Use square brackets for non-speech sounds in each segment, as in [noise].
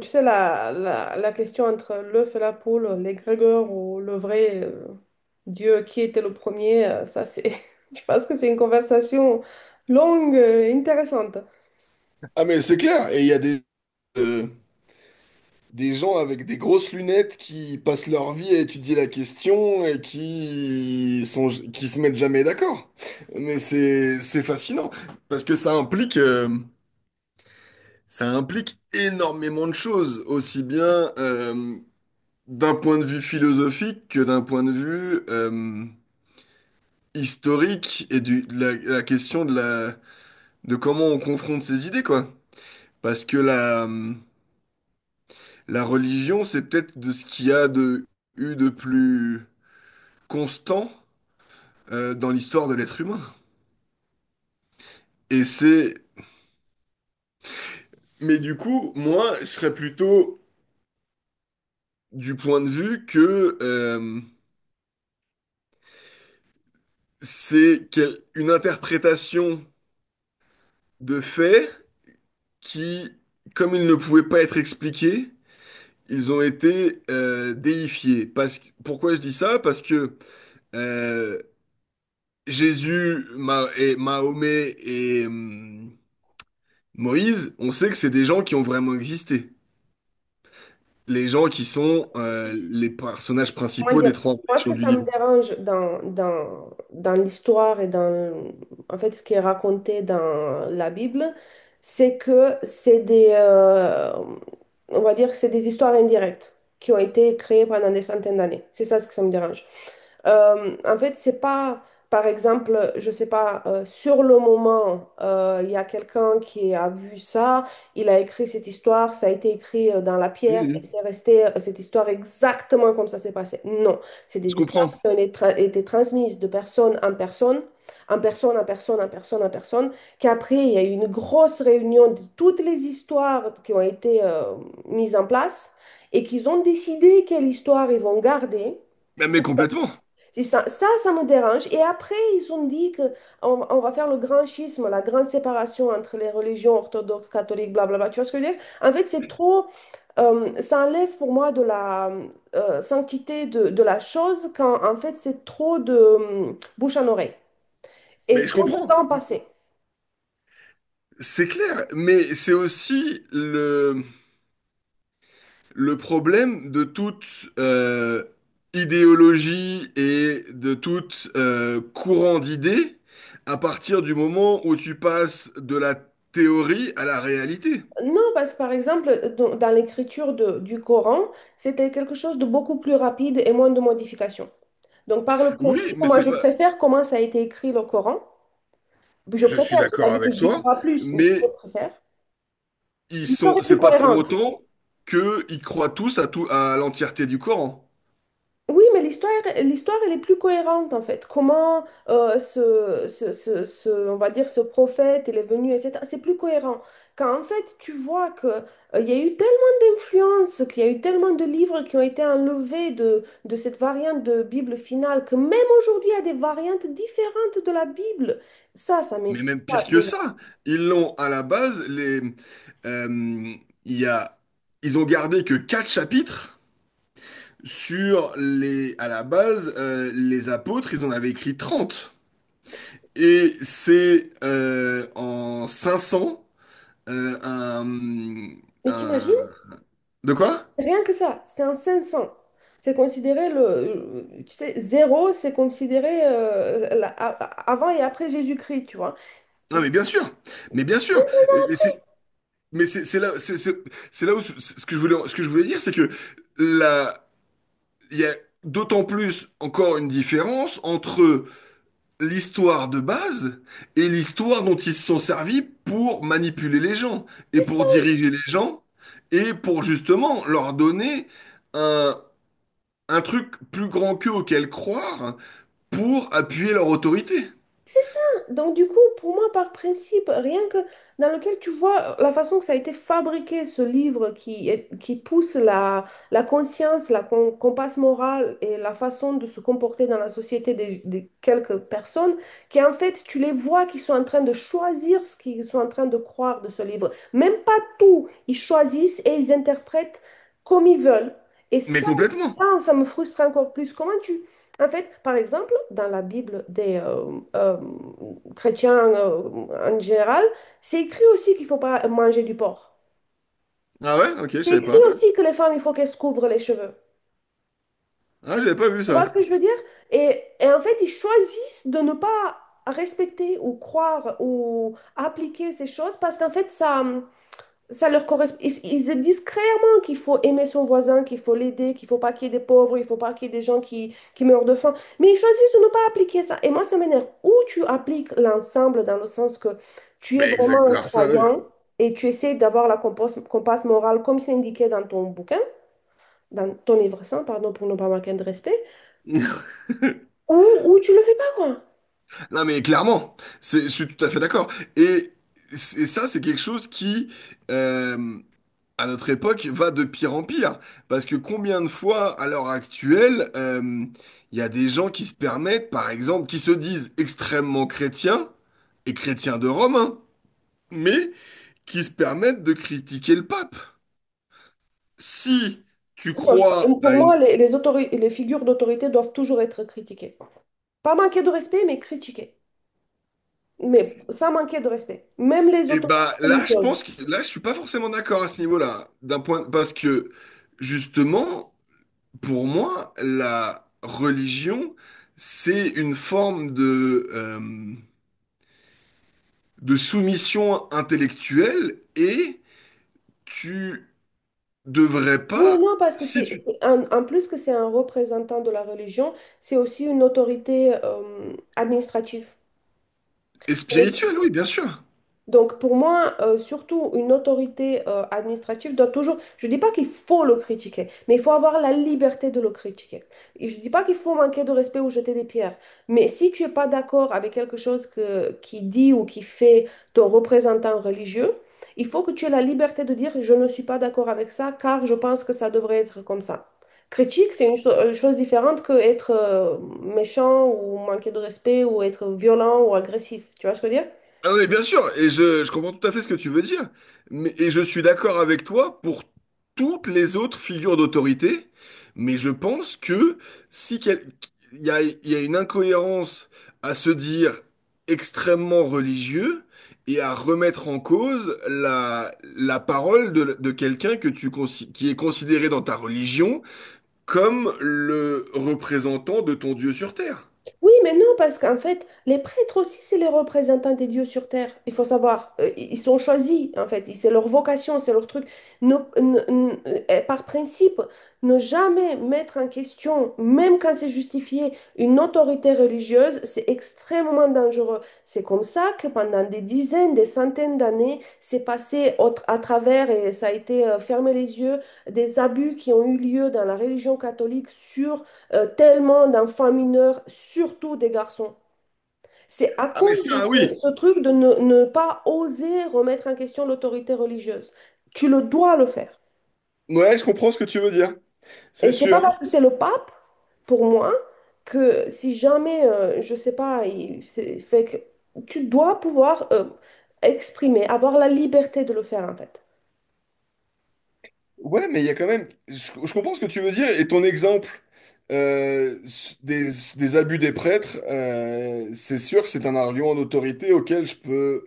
Tu sais, la question entre l'œuf et la poule, l'égrégore ou le vrai Dieu, qui était le premier, [laughs] je pense que c'est une conversation longue et intéressante. Ah mais c'est clair, et il y a euh, des gens avec des grosses lunettes qui passent leur vie à étudier la question et qui se mettent jamais d'accord. Mais c'est fascinant parce que ça implique énormément de choses, aussi bien d'un point de vue philosophique que d'un point de vue historique et la question de la de comment on confronte ces idées quoi. Parce que la La religion, c'est peut-être de ce qu'il y a eu de plus constant dans l'histoire de l'être humain. Et c'est... Mais du coup, moi, je serais plutôt du point de vue que une interprétation de faits qui, comme ils ne pouvaient pas être expliqués, ils ont été déifiés. Pourquoi je dis ça? Parce que euh, Jésus, et Mahomet et... Moïse, on sait que c'est des gens qui ont vraiment existé. Les gens qui sont les personnages Comment principaux des dire? trois Moi, ce religions que du ça me livre. dérange dans l'histoire et en fait, ce qui est raconté dans la Bible, c'est que on va dire, que c'est des histoires indirectes qui ont été créées pendant des centaines d'années. C'est ça ce que ça me dérange. En fait, c'est pas, par exemple, je sais pas, sur le moment, il y a quelqu'un qui a vu ça, il a écrit cette histoire, ça a été écrit dans la pierre et Mhm. c'est resté cette histoire exactement comme ça s'est passé. Non, c'est Je des histoires comprends. qui ont été transmises de personne en personne. En personne, en personne, en personne, en personne, qu'après, il y a eu une grosse réunion de toutes les histoires qui ont été mises en place et qu'ils ont décidé quelle histoire ils vont garder. Mais complètement. C'est ça, me dérange. Et après, ils ont dit que on va faire le grand schisme, la grande séparation entre les religions orthodoxes, catholiques, blablabla. Tu vois ce que je veux dire? En fait, c'est trop. Ça enlève pour moi de la sanctité de la chose quand, en fait, c'est trop de bouche en oreille Mais et je trop de comprends. temps passé. C'est clair. Mais c'est aussi le problème de toute euh, idéologie et de tout courant d'idées à partir du moment où tu passes de la théorie à la réalité. Non, parce que par exemple, dans l'écriture du Coran, c'était quelque chose de beaucoup plus rapide et moins de modifications. Donc, par le Oui, principe, mais moi, c'est je pas... préfère comment ça a été écrit le Coran. Je Je suis préfère, je n'ai pas d'accord dit que avec j'y toi. crois plus, mais je Mais préfère. ils L'histoire sont, est plus c'est pas pour cohérente. autant qu'ils croient tous à tout, à l'entièreté du Coran. Oui, mais l'histoire, elle est plus cohérente en fait. Comment on va dire, ce prophète, il est venu, etc. C'est plus cohérent. Quand en fait, tu vois que il y a eu tellement d'influences, qu'il y a eu tellement de livres qui ont été enlevés de cette variante de Bible finale, que même aujourd'hui, il y a des variantes différentes de la Bible. Ça m'étonne. Mais même pire que ça, ils l'ont à la base, euh, il y a, ils ont gardé que quatre chapitres sur les, à la base, les apôtres, ils en avaient écrit trente. Et c'est en 500, euh, un, Mais t'imagines? un- de quoi? Rien que ça, c'est un 500. C'est considéré tu sais, zéro, c'est considéré avant et après Jésus-Christ, tu vois. Mais Non mais bien sûr, mais bien c'est sûr. ça, Et- mais après. c'est- Mais c'est là, c'est là où ce ce que je voulais, ce que je voulais dire, c'est que là, il y a d'autant plus encore une différence entre l'histoire de base et l'histoire dont ils se sont servis pour manipuler les gens et C'est ça. pour diriger les gens et pour justement leur donner un, un truc plus grand qu'eux auquel croire pour appuyer leur autorité. C'est ça. Donc, du coup, pour moi, par principe, rien que dans lequel tu vois la façon que ça a été fabriqué, ce livre qui pousse la, la conscience, la compasse morale et la façon de se comporter dans la société des quelques personnes, qui en fait, tu les vois qui sont en train de choisir ce qu'ils sont en train de croire de ce livre. Même pas tout, ils choisissent et ils interprètent comme ils veulent. Et Mais ça, complètement. ça, ça me frustre encore plus. Comment tu. En fait, par exemple, dans la Bible des chrétiens en général, c'est écrit aussi qu'il ne faut pas manger du porc. Ah ouais? Ok, je C'est savais écrit pas. aussi que les femmes, il faut qu'elles se couvrent les cheveux. Ah, j'avais pas vu Tu vois ce ça. que je veux dire? Et en fait, ils choisissent de ne pas respecter ou croire ou appliquer ces choses parce qu'en fait, ça leur correspond. Ils disent clairement qu'il faut aimer son voisin, qu'il faut l'aider, qu'il faut pas qu'il y ait des pauvres, il faut pas qu'il y ait des gens qui meurent de faim. Mais ils choisissent de ne pas appliquer ça. Et moi, ça m'énerve. Ou tu appliques l'ensemble dans le sens que tu es Mais vraiment exact. un Alors ça, croyant et tu essaies d'avoir la compasse morale comme c'est indiqué dans ton bouquin, dans ton livre saint, pardon, pour ne pas manquer de respect, oui. [laughs] ou tu le fais pas, quoi. Non mais clairement, je suis tout à fait d'accord. Et, et ça, c'est quelque chose qui, euh, à notre époque, va de pire en pire. Parce que combien de fois, à l'heure actuelle, il y a des gens qui se permettent, par exemple, qui se disent extrêmement chrétiens et chrétiens de Rome, hein, mais qui se permettent de critiquer le pape. Si tu Moi, crois à pour moi, une... les figures d'autorité doivent toujours être critiquées. Pas manquer de respect, mais critiquées. Mais ça manquait de respect. Même les Eh autorités ben là, je religieuses. pense que là, je suis pas forcément d'accord à ce niveau-là, d'un point, parce que justement. Pour moi, la religion, c'est une forme de soumission intellectuelle et tu devrais Oui, pas, non, parce que si tu en plus que c'est un représentant de la religion, c'est aussi une autorité administrative. es spirituel, oui, bien sûr. Donc pour moi, surtout une autorité administrative doit toujours, je ne dis pas qu'il faut le critiquer, mais il faut avoir la liberté de le critiquer. Et je ne dis pas qu'il faut manquer de respect ou jeter des pierres, mais si tu n'es pas d'accord avec quelque chose qui dit ou qui fait ton représentant religieux, il faut que tu aies la liberté de dire je ne suis pas d'accord avec ça car je pense que ça devrait être comme ça. Critique, c'est une chose différente que être méchant ou manquer de respect ou être violent ou agressif. Tu vois ce que je veux dire? Ah non, mais bien sûr, et je comprends tout à fait ce que tu veux dire, mais, et je suis d'accord avec toi pour toutes les autres figures d'autorité, mais je pense que si quel- il y a une incohérence à se dire extrêmement religieux et à remettre en cause la parole de quelqu'un que qui est considéré dans ta religion comme le représentant de ton Dieu sur terre. Oui, mais non, parce qu'en fait, les prêtres aussi, c'est les représentants des dieux sur terre. Il faut savoir. Ils sont choisis, en fait. C'est leur vocation, c'est leur truc. Ne- ne- ne- par principe, ne jamais mettre en question, même quand c'est justifié, une autorité religieuse, c'est extrêmement dangereux. C'est comme ça que pendant des dizaines, des centaines d'années, c'est passé à travers et ça a été fermé les yeux des abus qui ont eu lieu dans la religion catholique sur tellement d'enfants mineurs, surtout des garçons. C'est à Ah mais cause de ça, ce, oui. ce truc de ne pas oser remettre en question l'autorité religieuse. Tu le dois le faire. Ouais, je comprends ce que tu veux dire, c'est Et c'est pas sûr. parce que c'est le pape, pour moi, que si jamais, je sais pas, fait que tu dois pouvoir exprimer, avoir la liberté de le faire en fait. Ouais, mais il y a quand même. Je comprends ce que tu veux dire et ton exemple euh, s- des, des abus des prêtres, c'est sûr que c'est un argument d'autorité auquel je peux.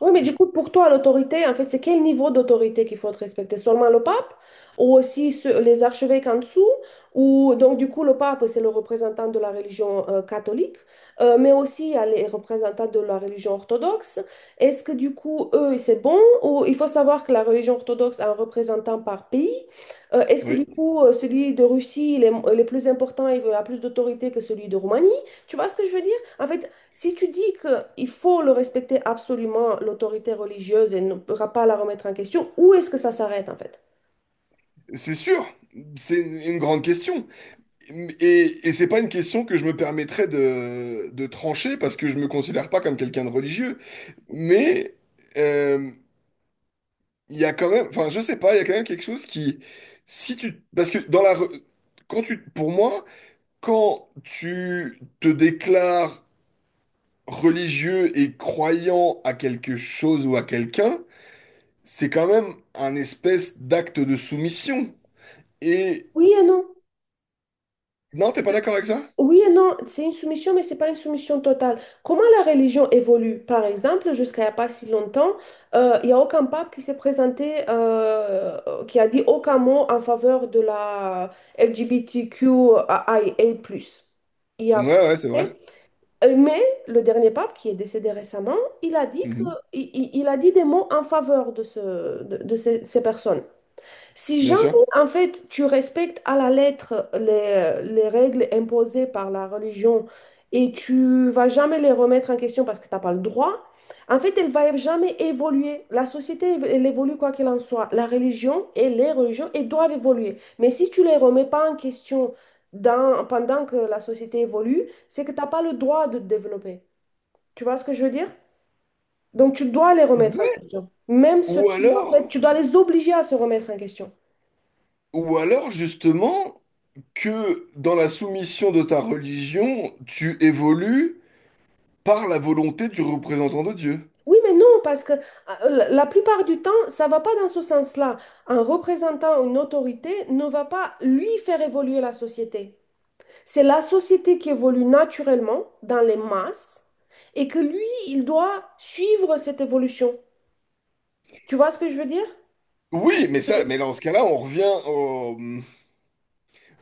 Oui, mais je- du coup, pour toi, l'autorité, en fait, c'est quel niveau d'autorité qu'il faut respecter? Seulement le pape ou aussi les archevêques en dessous? Ou donc, du coup, le pape, c'est le représentant de la religion catholique, mais aussi il y a les représentants de la religion orthodoxe. Est-ce que du coup, eux, c'est bon? Ou il faut savoir que la religion orthodoxe a un représentant par pays. Est-ce que oui, du coup, celui de Russie, il est plus important, il a plus d'autorité que celui de Roumanie? Tu vois ce que je veux dire? En fait, si tu dis qu'il faut le respecter absolument, l'autorité religieuse, et ne pourra pas la remettre en question, où est-ce que ça s'arrête en fait? c'est sûr. C'est une grande question. Et c'est pas une question que je me permettrais de trancher parce que je me considère pas comme quelqu'un de religieux. Mais euh, il y a quand même. Enfin, je sais pas, il y a quand même quelque chose qui. Si tu. Parce que dans la. Re- Quand tu, pour moi. Quand tu te déclares religieux et croyant à quelque chose ou à quelqu'un, c'est quand même un espèce d'acte de soumission. Et Oui et non. non, t'es pas d'accord avec ça? Oui et non, c'est une soumission, mais c'est pas une soumission totale. Comment la religion évolue? Par exemple, jusqu'à il n'y a pas si longtemps, il n'y a aucun pape qui s'est présenté, qui a dit aucun mot en faveur de la LGBTQIA+. I A Ouais, plus. ouais, c'est vrai. Mais le dernier pape, qui est décédé récemment, il a dit Mhm. Il a dit des mots en faveur de ces personnes. Si Bien jamais, sûr. en fait, tu respectes à la lettre les règles imposées par la religion et tu vas jamais les remettre en question parce que tu n'as pas le droit, en fait, elle va jamais évoluer. La société, elle évolue quoi qu'il en soit. La religion et les religions, elles doivent évoluer. Mais si tu les remets pas en question pendant que la société évolue, c'est que tu n'as pas le droit de te développer. Tu vois ce que je veux dire? Donc, tu dois les remettre en Ouais. question. Même ceux Ou qui, en fait, alors, tu dois les obliger à se remettre en question. ou alors justement que dans la soumission de ta religion, tu évolues par la volonté du représentant de Dieu. Oui, mais non, parce que la plupart du temps, ça va pas dans ce sens-là. Un représentant, une autorité ne va pas lui faire évoluer la société. C'est la société qui évolue naturellement dans les masses et que lui, il doit suivre cette évolution. Tu vois ce que je veux dire? Oui, mais Je ça, mais dans ce cas-là, on revient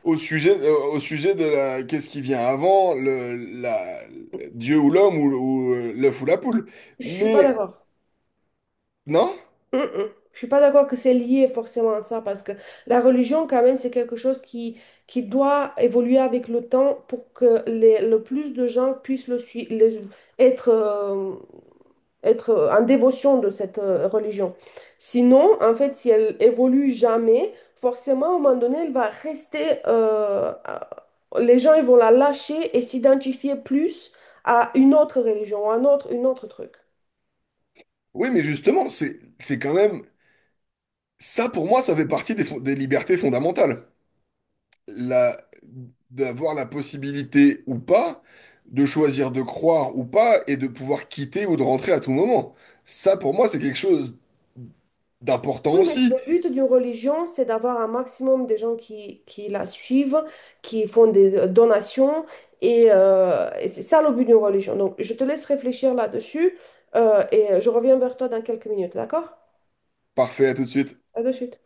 au sujet, au sujet de la, qu'est-ce qui vient avant, la, Dieu ou l'homme ou l'œuf ou la poule. je suis pas Mais d'accord. non, Mm, mm. Je suis pas d'accord que c'est lié forcément à ça parce que la religion quand même c'est quelque chose qui doit évoluer avec le temps pour que le plus de gens puissent le, sui- le- être, être en dévotion de cette religion. Sinon, en fait, si elle évolue jamais, forcément à un moment donné, elle va rester. Les gens ils vont la lâcher et s'identifier plus à une autre religion, à un autre, une autre truc. oui, mais justement, c'est quand même ça pour moi, ça fait partie des libertés fondamentales. La, d'avoir la possibilité ou pas de choisir de croire ou pas et de pouvoir quitter ou de rentrer à tout moment. Ça pour moi, c'est quelque chose d'important Oui, mais c'est le aussi. but d'une religion, c'est d'avoir un maximum de gens qui la suivent, qui font des donations, et c'est ça le but d'une religion. Donc, je te laisse réfléchir là-dessus, et je reviens vers toi dans quelques minutes, d'accord? Parfait, à tout de suite. À de suite.